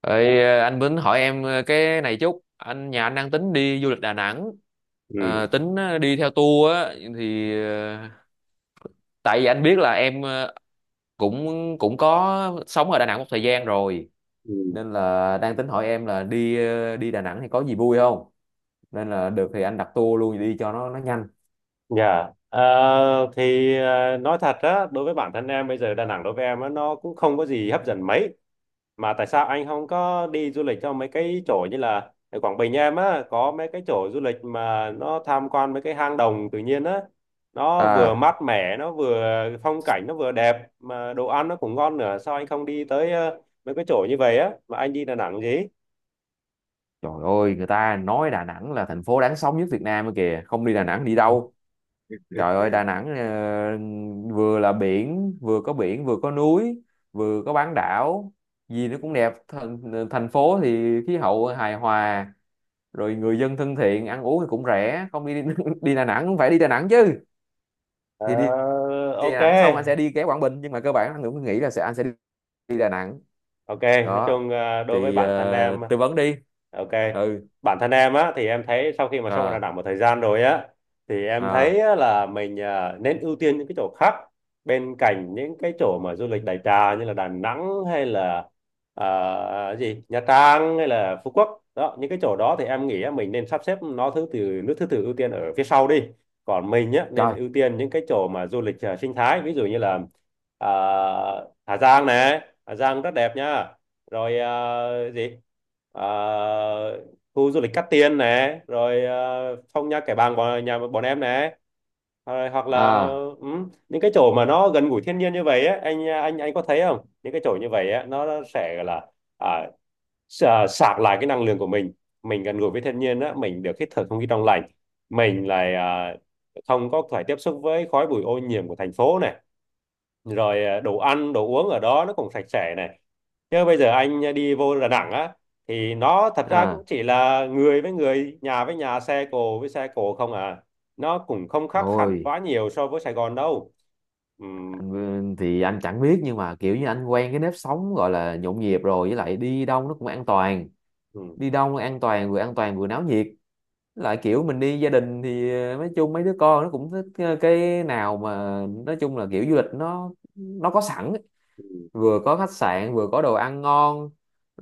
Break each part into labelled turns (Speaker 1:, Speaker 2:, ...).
Speaker 1: Ê, anh Bính hỏi em, cái này chút anh nhà anh đang tính đi du lịch Đà Nẵng.
Speaker 2: Ừ,
Speaker 1: Ờ, tính đi theo tour á. thì ờ, Tại vì anh biết là em, cũng cũng có sống ở Đà Nẵng một thời gian rồi,
Speaker 2: ừ.
Speaker 1: nên là đang tính hỏi em là đi đi Đà Nẵng thì có gì vui không. Nên là được thì anh đặt tour luôn đi cho nó nhanh.
Speaker 2: Dạ. Ờ, thì nói thật á, đối với bản thân em bây giờ Đà Nẵng đối với em á nó cũng không có gì hấp dẫn mấy. Mà tại sao anh không có đi du lịch cho mấy cái chỗ như là ở Quảng Bình, em á có mấy cái chỗ du lịch mà nó tham quan mấy cái hang động tự nhiên á. Nó vừa
Speaker 1: À,
Speaker 2: mát mẻ, nó vừa phong cảnh, nó vừa đẹp, mà đồ ăn nó cũng ngon nữa. Sao anh không đi tới mấy cái chỗ như vậy á mà anh đi Đà Nẵng gì?
Speaker 1: trời ơi, người ta nói Đà Nẵng là thành phố đáng sống nhất Việt Nam ấy kìa, không đi Đà Nẵng đi đâu. Trời ơi, Đà Nẵng vừa có biển, vừa có núi, vừa có bán đảo, gì nó cũng đẹp. Thành phố thì khí hậu hài hòa, rồi người dân thân thiện, ăn uống thì cũng rẻ. Không đi đi Đà Nẵng cũng phải đi Đà Nẵng chứ. Thì đi,
Speaker 2: Ờ,
Speaker 1: Đi Đà
Speaker 2: ok.
Speaker 1: Nẵng xong anh sẽ đi ghé Quảng Bình, nhưng mà cơ bản anh cũng nghĩ là sẽ anh sẽ đi, đi Đà Nẵng.
Speaker 2: Ok, nói
Speaker 1: Đó.
Speaker 2: chung đối với bản thân em.
Speaker 1: Tư vấn đi.
Speaker 2: Ok.
Speaker 1: Ừ.
Speaker 2: Bản thân em á thì em thấy sau khi mà sống ở Đà
Speaker 1: À.
Speaker 2: Nẵng một thời gian rồi á, thì em
Speaker 1: À,
Speaker 2: thấy á, là mình nên ưu tiên những cái chỗ khác, bên cạnh những cái chỗ mà du lịch đại trà như là Đà Nẵng hay là gì Nha Trang hay là Phú Quốc đó. Những cái chỗ đó thì em nghĩ á, mình nên sắp xếp nó thứ từ, nước thứ tự ưu tiên ở phía sau đi. Còn mình á nên
Speaker 1: trời.
Speaker 2: ưu tiên những cái chỗ mà du lịch sinh thái, ví dụ như là à, Hà Giang nè. Hà Giang rất đẹp nha. Rồi gì, Ờ, khu du lịch Cát Tiên nè. Rồi Phong Nha Kẻ Bàng bọn nhà bọn em nè. Rồi, hoặc là,
Speaker 1: À.
Speaker 2: ừ, những cái chỗ mà nó gần gũi thiên nhiên như vậy á, anh có thấy không, những cái chỗ như vậy á nó sẽ gọi là à, sạc lại cái năng lượng của mình. Mình gần gũi với thiên nhiên á, mình được hít thở không khí trong lành, mình lại không có phải tiếp xúc với khói bụi ô nhiễm của thành phố này. Rồi đồ ăn đồ uống ở đó nó cũng sạch sẽ này. Chứ bây giờ anh đi vô Đà Nẵng á thì nó thật ra cũng
Speaker 1: À.
Speaker 2: chỉ là người với người, nhà với nhà, xe cộ với xe cộ không à. Nó cũng không khác hẳn
Speaker 1: Ôi.
Speaker 2: quá nhiều so với Sài Gòn đâu. Ừ,
Speaker 1: Anh thì anh chẳng biết, nhưng mà kiểu như anh quen cái nếp sống gọi là nhộn nhịp rồi, với lại đi đâu nó cũng an toàn,
Speaker 2: ừ,
Speaker 1: đi đâu nó an toàn, vừa an toàn vừa náo nhiệt. Với lại kiểu mình đi gia đình thì, nói chung mấy đứa con nó cũng thích, cái nào mà nói chung là kiểu du lịch nó có sẵn ấy.
Speaker 2: ừ.
Speaker 1: Vừa có khách sạn, vừa có đồ ăn ngon,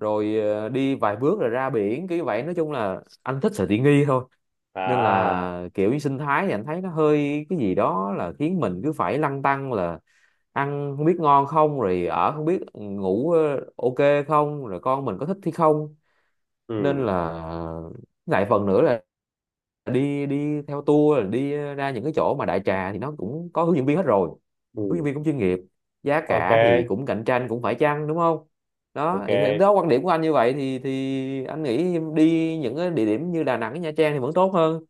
Speaker 1: rồi đi vài bước rồi ra biển kiểu vậy, nói chung là anh thích sự tiện nghi thôi. Nên
Speaker 2: À,
Speaker 1: là kiểu như sinh thái thì anh thấy nó hơi cái gì đó, là khiến mình cứ phải lăn tăn là ăn không biết ngon không, rồi ở không biết, ừ, ngủ, ok không, rồi con mình có thích hay không. Nên
Speaker 2: ừ,
Speaker 1: là lại phần nữa là đi đi theo tour là đi ra những cái chỗ mà đại trà thì nó cũng có hướng dẫn viên hết rồi, hướng dẫn
Speaker 2: ừ.
Speaker 1: viên cũng chuyên nghiệp, giá
Speaker 2: Ok,
Speaker 1: cả thì cũng cạnh tranh cũng phải chăng, đúng không. Đó
Speaker 2: ok.
Speaker 1: đó quan điểm của anh như vậy, thì anh nghĩ đi những cái địa điểm như Đà Nẵng với Nha Trang thì vẫn tốt hơn.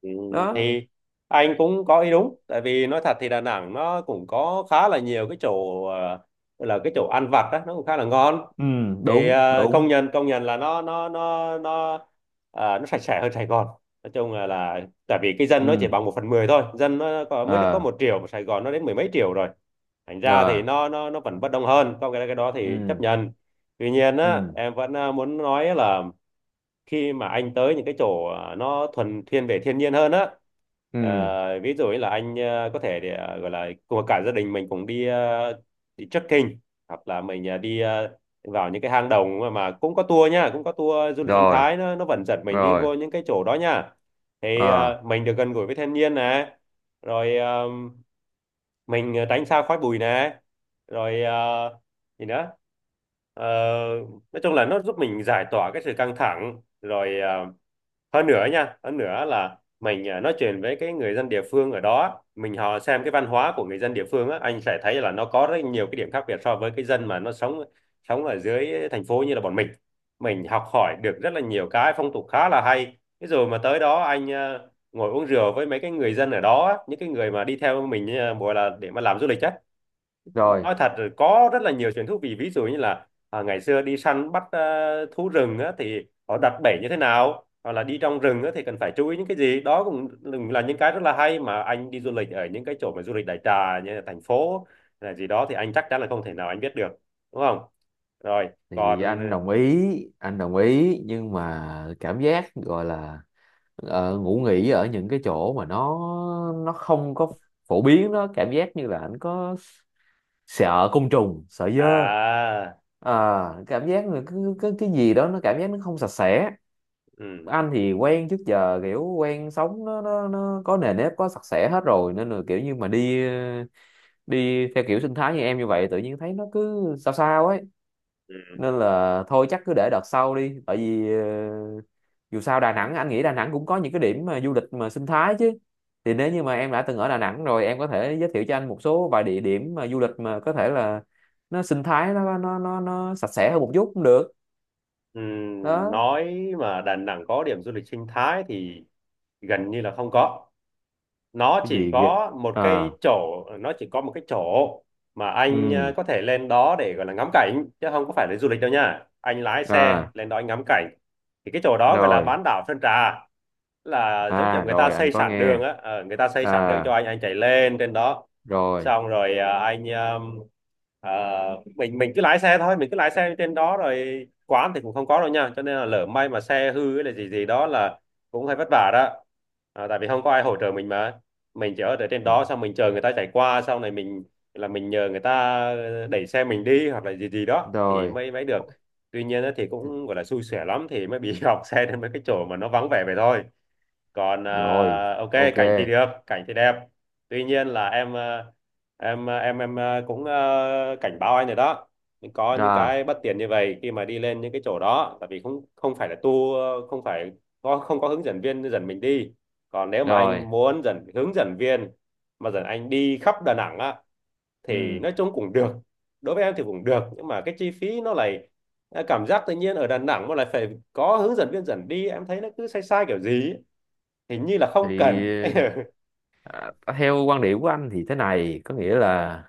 Speaker 2: Ừ,
Speaker 1: Đó.
Speaker 2: thì anh cũng có ý đúng, tại vì nói thật thì Đà Nẵng nó cũng có khá là nhiều cái chỗ, ờ, là cái chỗ ăn vặt đó nó cũng khá là ngon.
Speaker 1: Ừ.
Speaker 2: Thì
Speaker 1: Đúng đúng.
Speaker 2: công nhận là nó sạch sẽ hơn Sài Gòn. Nói chung là tại vì cái dân nó chỉ
Speaker 1: Ừ.
Speaker 2: bằng 1/10 thôi, dân nó có, mới được có
Speaker 1: Ờ.
Speaker 2: 1 triệu mà Sài Gòn nó đến mười mấy triệu rồi. Thành ra
Speaker 1: Rồi.
Speaker 2: thì nó vẫn bất đông hơn, có cái đó thì chấp
Speaker 1: Ừ.
Speaker 2: nhận. Tuy nhiên
Speaker 1: Ừ.
Speaker 2: á, em vẫn muốn nói là khi mà anh tới những cái chỗ nó thuần thiên về thiên nhiên hơn á,
Speaker 1: Ừ.
Speaker 2: ví dụ như là anh có thể để gọi là cùng cả gia đình mình cùng đi, đi trekking, hoặc là mình đi vào những cái hang động mà cũng có tour nha, cũng có tour du lịch sinh
Speaker 1: Rồi.
Speaker 2: thái, nó vẫn dẫn mình đi
Speaker 1: Rồi.
Speaker 2: vô những cái chỗ đó nha. Thì
Speaker 1: Ờ.
Speaker 2: mình được gần gũi với thiên nhiên nè. Rồi mình tránh xa khói bụi nè. Rồi gì nữa? Ờ, nói chung là nó giúp mình giải tỏa cái sự căng thẳng. Rồi hơn nữa nha, hơn nữa là mình nói chuyện với cái người dân địa phương ở đó, mình họ xem cái văn hóa của người dân địa phương á, anh sẽ thấy là nó có rất nhiều cái điểm khác biệt so với cái dân mà nó sống, sống ở dưới thành phố như là bọn mình. Mình học hỏi được rất là nhiều cái phong tục khá là hay thế. Rồi mà tới đó anh ngồi uống rượu với mấy cái người dân ở đó á, những cái người mà đi theo mình gọi là để mà làm du lịch á,
Speaker 1: Rồi.
Speaker 2: nói thật rồi có rất là nhiều chuyện thú vị. Ví dụ như là ngày xưa đi săn bắt thú rừng á, thì họ đặt bẫy như thế nào, hoặc là đi trong rừng á, thì cần phải chú ý những cái gì đó, cũng là những cái rất là hay mà anh đi du lịch ở những cái chỗ mà du lịch đại trà như là thành phố là gì đó thì anh chắc chắn là không thể nào anh biết được. Đúng không? Rồi.
Speaker 1: Thì
Speaker 2: Còn
Speaker 1: anh đồng ý, anh đồng ý, nhưng mà cảm giác gọi là, ngủ nghỉ ở những cái chỗ mà nó không có phổ biến đó, cảm giác như là anh có sợ côn trùng, sợ dơ.
Speaker 2: à
Speaker 1: À, cảm giác là cứ cái gì đó nó cảm giác nó không sạch sẽ.
Speaker 2: ừ,
Speaker 1: Anh thì quen trước giờ kiểu quen sống nó có nề nếp, có sạch sẽ hết rồi, nên là kiểu như mà đi, đi theo kiểu sinh thái như em như vậy tự nhiên thấy nó cứ sao sao ấy.
Speaker 2: ừ,
Speaker 1: Nên là thôi chắc cứ để đợt sau đi, tại vì dù sao Đà Nẵng, anh nghĩ Đà Nẵng cũng có những cái điểm mà du lịch mà sinh thái chứ. Thì nếu như mà em đã từng ở Đà Nẵng rồi, em có thể giới thiệu cho anh một số vài địa điểm mà du lịch mà có thể là nó sinh thái, nó sạch sẽ hơn một chút cũng được.
Speaker 2: ừ,
Speaker 1: Đó.
Speaker 2: nói mà Đà Nẵng có điểm du lịch sinh thái thì gần như là không có. Nó
Speaker 1: Cái
Speaker 2: chỉ
Speaker 1: gì ghê.
Speaker 2: có một cái
Speaker 1: À.
Speaker 2: chỗ, nó chỉ có một cái chỗ mà anh
Speaker 1: Ừ.
Speaker 2: có thể lên đó để gọi là ngắm cảnh chứ không có phải là du lịch đâu nha. Anh lái xe
Speaker 1: À.
Speaker 2: lên đó anh ngắm cảnh. Thì cái chỗ đó gọi là
Speaker 1: Rồi.
Speaker 2: bán đảo Sơn Trà. Là giống kiểu
Speaker 1: À.
Speaker 2: người ta
Speaker 1: Rồi anh
Speaker 2: xây
Speaker 1: có
Speaker 2: sẵn
Speaker 1: nghe.
Speaker 2: đường á, người ta xây sẵn đường cho
Speaker 1: À.
Speaker 2: anh chạy lên trên đó.
Speaker 1: Rồi.
Speaker 2: Xong rồi à, anh à, mình cứ lái xe thôi, mình cứ lái xe trên đó. Rồi quán thì cũng không có đâu nha, cho nên là lỡ may mà xe hư hay là gì gì đó là cũng hơi vất vả đó. Tại vì không có ai hỗ trợ mình mà, mình chỉ ở để trên đó xong mình chờ người ta chạy qua sau này mình là mình nhờ người ta đẩy xe mình đi hoặc là gì gì đó thì
Speaker 1: Rồi.
Speaker 2: mới mới được. Tuy nhiên á, thì cũng gọi là xui xẻ lắm thì mới bị hỏng xe đến mấy cái chỗ mà nó vắng vẻ vậy thôi. Còn
Speaker 1: Rồi.
Speaker 2: ok,
Speaker 1: Ok.
Speaker 2: cảnh thì được, cảnh thì đẹp. Tuy nhiên là em cũng cảnh báo anh rồi đó. Nhưng có những
Speaker 1: À.
Speaker 2: cái bất tiện như vậy khi mà đi lên những cái chỗ đó, tại vì không không phải là tour, không phải có, không có hướng dẫn viên dẫn mình đi. Còn nếu mà
Speaker 1: Rồi.
Speaker 2: anh muốn dẫn hướng dẫn viên mà dẫn anh đi khắp Đà Nẵng á thì
Speaker 1: Ừ.
Speaker 2: nói chung cũng được. Đối với em thì cũng được nhưng mà cái chi phí nó lại, cảm giác tự nhiên ở Đà Nẵng mà lại phải có hướng dẫn viên dẫn đi, em thấy nó cứ sai sai kiểu gì ấy, hình như là
Speaker 1: Thì,
Speaker 2: không cần.
Speaker 1: à, theo quan điểm của anh thì thế này, có nghĩa là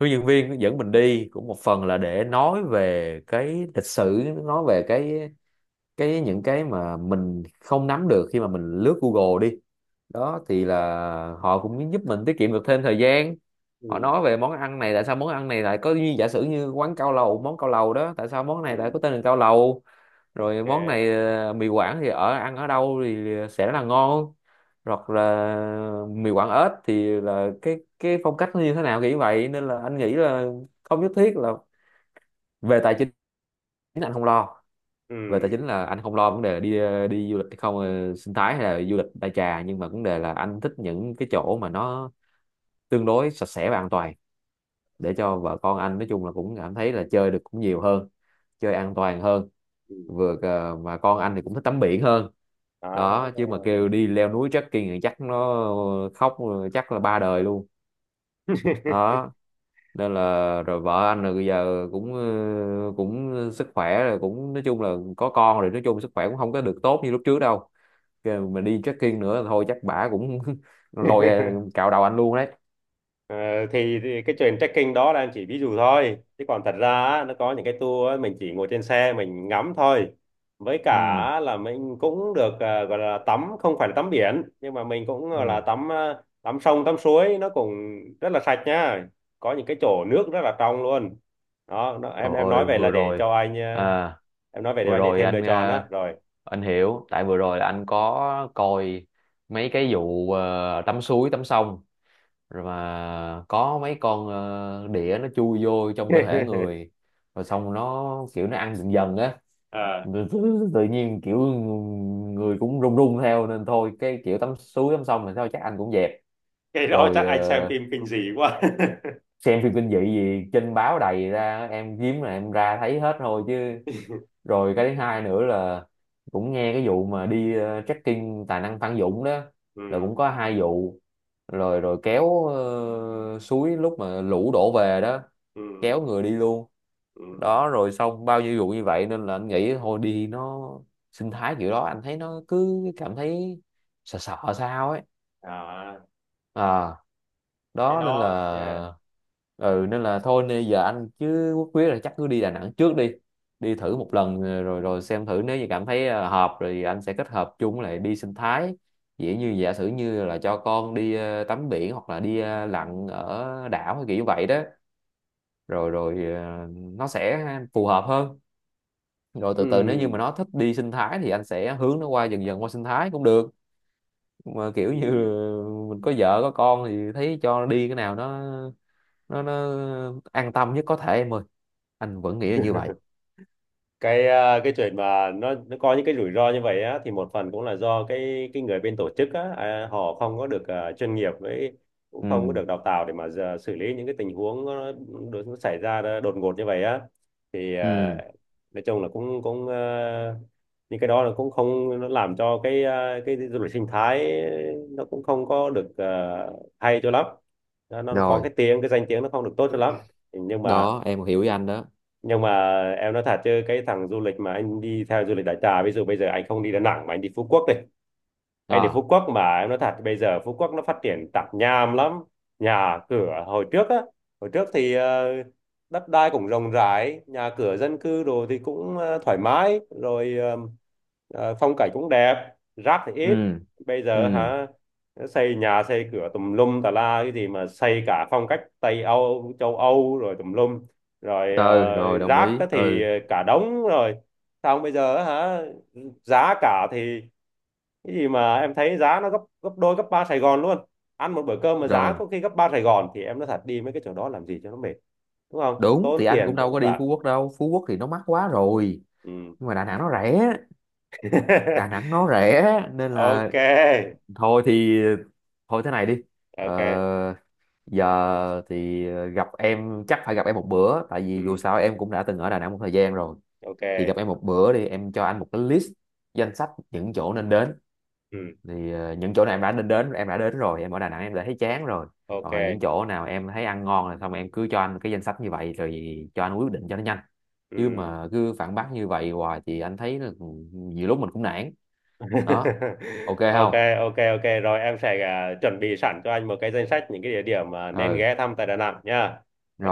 Speaker 1: hướng dẫn viên dẫn mình đi cũng một phần là để nói về cái lịch sử, nói về cái những cái mà mình không nắm được khi mà mình lướt Google đi. Đó thì là họ cũng giúp mình tiết kiệm được thêm thời gian. Họ
Speaker 2: Ừ,
Speaker 1: nói về món ăn này, tại sao món ăn này lại có, như giả sử như quán cao lầu, món cao lầu đó tại sao món này lại có
Speaker 2: ừ,
Speaker 1: tên là cao lầu, rồi món này,
Speaker 2: ok,
Speaker 1: mì Quảng thì ở ăn ở đâu thì sẽ là ngon, hoặc là mì Quảng ếch thì là cái phong cách nó như thế nào kiểu vậy. Nên là anh nghĩ là không nhất thiết là về tài chính, anh không lo. Về tài
Speaker 2: ừ,
Speaker 1: chính là anh không lo vấn đề đi, đi du lịch hay không, sinh thái hay là du lịch đại trà, nhưng mà vấn đề là anh thích những cái chỗ mà nó tương đối sạch sẽ và an toàn để cho vợ con anh nói chung là cũng cảm thấy là chơi được cũng nhiều hơn, chơi an toàn hơn.
Speaker 2: ừ.
Speaker 1: Mà con anh thì cũng thích tắm biển hơn
Speaker 2: Đó.
Speaker 1: đó, chứ mà kêu đi leo núi trekking thì chắc nó khóc, chắc là ba đời luôn. Đó. Nên là rồi vợ anh là bây giờ cũng, cũng sức khỏe rồi, cũng nói chung là có con rồi, nói chung sức khỏe cũng không có được tốt như lúc trước đâu. Kêu mà đi trekking nữa thôi chắc bả cũng lôi, cạo đầu anh luôn đấy.
Speaker 2: Ờ, thì cái chuyện trekking đó là em chỉ ví dụ thôi, chứ còn thật ra á, nó có những cái tour á, mình chỉ ngồi trên xe mình ngắm thôi. Với cả
Speaker 1: Ừ.
Speaker 2: là mình cũng được gọi là tắm, không phải là tắm biển nhưng mà mình cũng gọi là
Speaker 1: Ừ.
Speaker 2: tắm, tắm sông tắm suối, nó cũng rất là sạch nhá. Có những cái chỗ nước rất là trong luôn. Đó nó,
Speaker 1: Trời
Speaker 2: em nói
Speaker 1: ơi
Speaker 2: về là
Speaker 1: vừa
Speaker 2: để
Speaker 1: rồi.
Speaker 2: cho anh
Speaker 1: À.
Speaker 2: em nói về để
Speaker 1: Vừa
Speaker 2: anh để
Speaker 1: rồi
Speaker 2: thêm lựa
Speaker 1: anh,
Speaker 2: chọn đó rồi.
Speaker 1: anh hiểu, tại vừa rồi là anh có coi mấy cái vụ, tắm suối tắm sông, rồi mà có mấy con, đĩa nó chui vô trong cơ thể người, rồi xong nó kiểu nó ăn dần dần á.
Speaker 2: à
Speaker 1: Rồi tự tự nhiên kiểu người cũng run run theo, nên thôi cái kiểu tắm suối tắm sông thì sao chắc anh cũng dẹp.
Speaker 2: cái đó
Speaker 1: Rồi,
Speaker 2: chắc anh xem phim kinh dị quá.
Speaker 1: xem phim kinh dị gì trên báo đầy ra em, kiếm là em ra thấy hết thôi chứ. Rồi cái thứ hai nữa là cũng nghe cái vụ mà đi, trekking tài năng Phan Dũng đó là
Speaker 2: Ừ,
Speaker 1: cũng có hai vụ. Rồi Rồi kéo, suối lúc mà lũ đổ về đó kéo
Speaker 2: ừ,
Speaker 1: người đi luôn
Speaker 2: ừ.
Speaker 1: đó. Rồi xong bao nhiêu vụ như vậy, nên là anh nghĩ thôi đi nó sinh thái kiểu đó anh thấy nó cứ cảm thấy sợ sợ sao ấy.
Speaker 2: À,
Speaker 1: À.
Speaker 2: cái
Speaker 1: Đó nên
Speaker 2: đó, yeah.
Speaker 1: là. Ừ, nên là thôi, nên giờ anh chứ Quốc quyết là chắc cứ đi Đà Nẵng trước đi, đi
Speaker 2: Ừ.
Speaker 1: thử một lần, rồi rồi xem thử nếu như cảm thấy, hợp rồi anh sẽ kết hợp chung với lại đi sinh thái, dĩ như giả sử như là cho con đi, tắm biển hoặc là đi, lặn ở đảo hay kiểu như vậy đó. Rồi rồi ờ, Nó sẽ phù hợp hơn. Rồi từ từ nếu như mà
Speaker 2: Ừm,
Speaker 1: nó thích đi sinh thái thì anh sẽ hướng nó qua, dần dần qua sinh thái cũng được. Mà kiểu như
Speaker 2: ừm.
Speaker 1: mình có vợ có con thì thấy cho nó đi cái nào nó an tâm nhất có thể em ơi. Anh vẫn nghĩ là như vậy.
Speaker 2: Cái chuyện mà nó có những cái rủi ro như vậy á thì một phần cũng là do cái người bên tổ chức á, họ không có được chuyên nghiệp với, cũng không có
Speaker 1: Ừ.
Speaker 2: được đào tạo để mà giờ xử lý những cái tình huống nó, nó xảy ra ra đột ngột như vậy á. Thì
Speaker 1: Ừ.
Speaker 2: nói chung là cũng cũng những cái đó là cũng không, nó làm cho cái du lịch sinh thái nó cũng không có được hay cho lắm. Nó có
Speaker 1: Rồi.
Speaker 2: cái danh tiếng nó không được tốt cho lắm. nhưng mà
Speaker 1: Đó em hiểu với anh đó.
Speaker 2: nhưng mà em nói thật chứ cái thằng du lịch mà anh đi theo du lịch đại trà, ví dụ bây giờ anh không đi Đà Nẵng mà anh đi Phú Quốc đi. Anh thì Phú
Speaker 1: À.
Speaker 2: Quốc mà em nói thật, bây giờ Phú Quốc nó phát triển tạp nham lắm. Nhà cửa hồi trước á, hồi trước thì đất đai cũng rộng rãi, nhà cửa dân cư đồ thì cũng thoải mái. Rồi phong cảnh cũng đẹp. Rác thì ít.
Speaker 1: Ừ.
Speaker 2: Bây giờ
Speaker 1: Ừ.
Speaker 2: hả, xây nhà xây cửa tùm lum tà la, cái gì mà xây cả phong cách Tây Âu, châu Âu rồi tùm lum. Rồi
Speaker 1: Ừ. Rồi đồng
Speaker 2: rác á
Speaker 1: ý.
Speaker 2: thì
Speaker 1: Ừ.
Speaker 2: cả đống rồi. Xong bây giờ á hả, giá cả thì cái gì mà em thấy giá nó gấp gấp đôi gấp ba Sài Gòn luôn. Ăn một bữa cơm mà giá
Speaker 1: Rồi
Speaker 2: có khi gấp ba Sài Gòn, thì em nói thật đi mấy cái chỗ đó làm gì cho nó mệt. Đúng không,
Speaker 1: đúng,
Speaker 2: tốn
Speaker 1: thì anh
Speaker 2: tiền
Speaker 1: cũng đâu
Speaker 2: tốn
Speaker 1: có đi
Speaker 2: bạc.
Speaker 1: Phú Quốc đâu, Phú Quốc thì nó mắc quá rồi.
Speaker 2: Ừ.
Speaker 1: Nhưng mà Đà Nẵng nó rẻ, Đà Nẵng nó rẻ. Nên là
Speaker 2: Ok,
Speaker 1: thôi thì, thôi thế này đi,
Speaker 2: ok.
Speaker 1: ờ, giờ thì, gặp em chắc phải gặp em một bữa, tại vì dù
Speaker 2: Ừ.
Speaker 1: sao em cũng đã từng ở Đà Nẵng một thời gian rồi. Thì
Speaker 2: Ok.
Speaker 1: gặp em một bữa đi, em cho anh một cái list, danh sách những chỗ nên đến.
Speaker 2: Ừ.
Speaker 1: Thì, những chỗ nào em đã nên đến, em đã đến rồi em ở Đà Nẵng em đã thấy chán rồi,
Speaker 2: Ok.
Speaker 1: hoặc là những chỗ nào em thấy ăn ngon rồi, xong em cứ cho anh cái danh sách như vậy rồi cho anh quyết định cho nó nhanh. Chứ
Speaker 2: Ừ.
Speaker 1: mà cứ phản bác như vậy hoài thì anh thấy là nhiều lúc mình cũng nản. Đó. Ok
Speaker 2: Ok.
Speaker 1: không.
Speaker 2: Ok ok rồi, em sẽ chuẩn bị sẵn cho anh một cái danh sách những cái địa điểm mà nên
Speaker 1: Ừ.
Speaker 2: ghé thăm tại Đà Nẵng nha.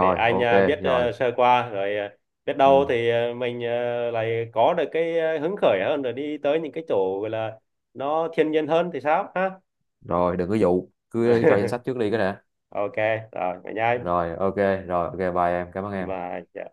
Speaker 2: Để anh
Speaker 1: ok.
Speaker 2: biết
Speaker 1: Rồi.
Speaker 2: sơ qua. Rồi biết đâu
Speaker 1: Ừ.
Speaker 2: thì mình lại có được cái hứng khởi hơn rồi đi tới những cái chỗ gọi là nó thiên nhiên hơn thì sao ha.
Speaker 1: Rồi đừng có dụ, cứ cho danh sách trước đi cái nè.
Speaker 2: Ok, rồi vậy nha anh.
Speaker 1: Rồi ok. Rồi ok, bye em, cảm ơn em.
Speaker 2: Và dạ.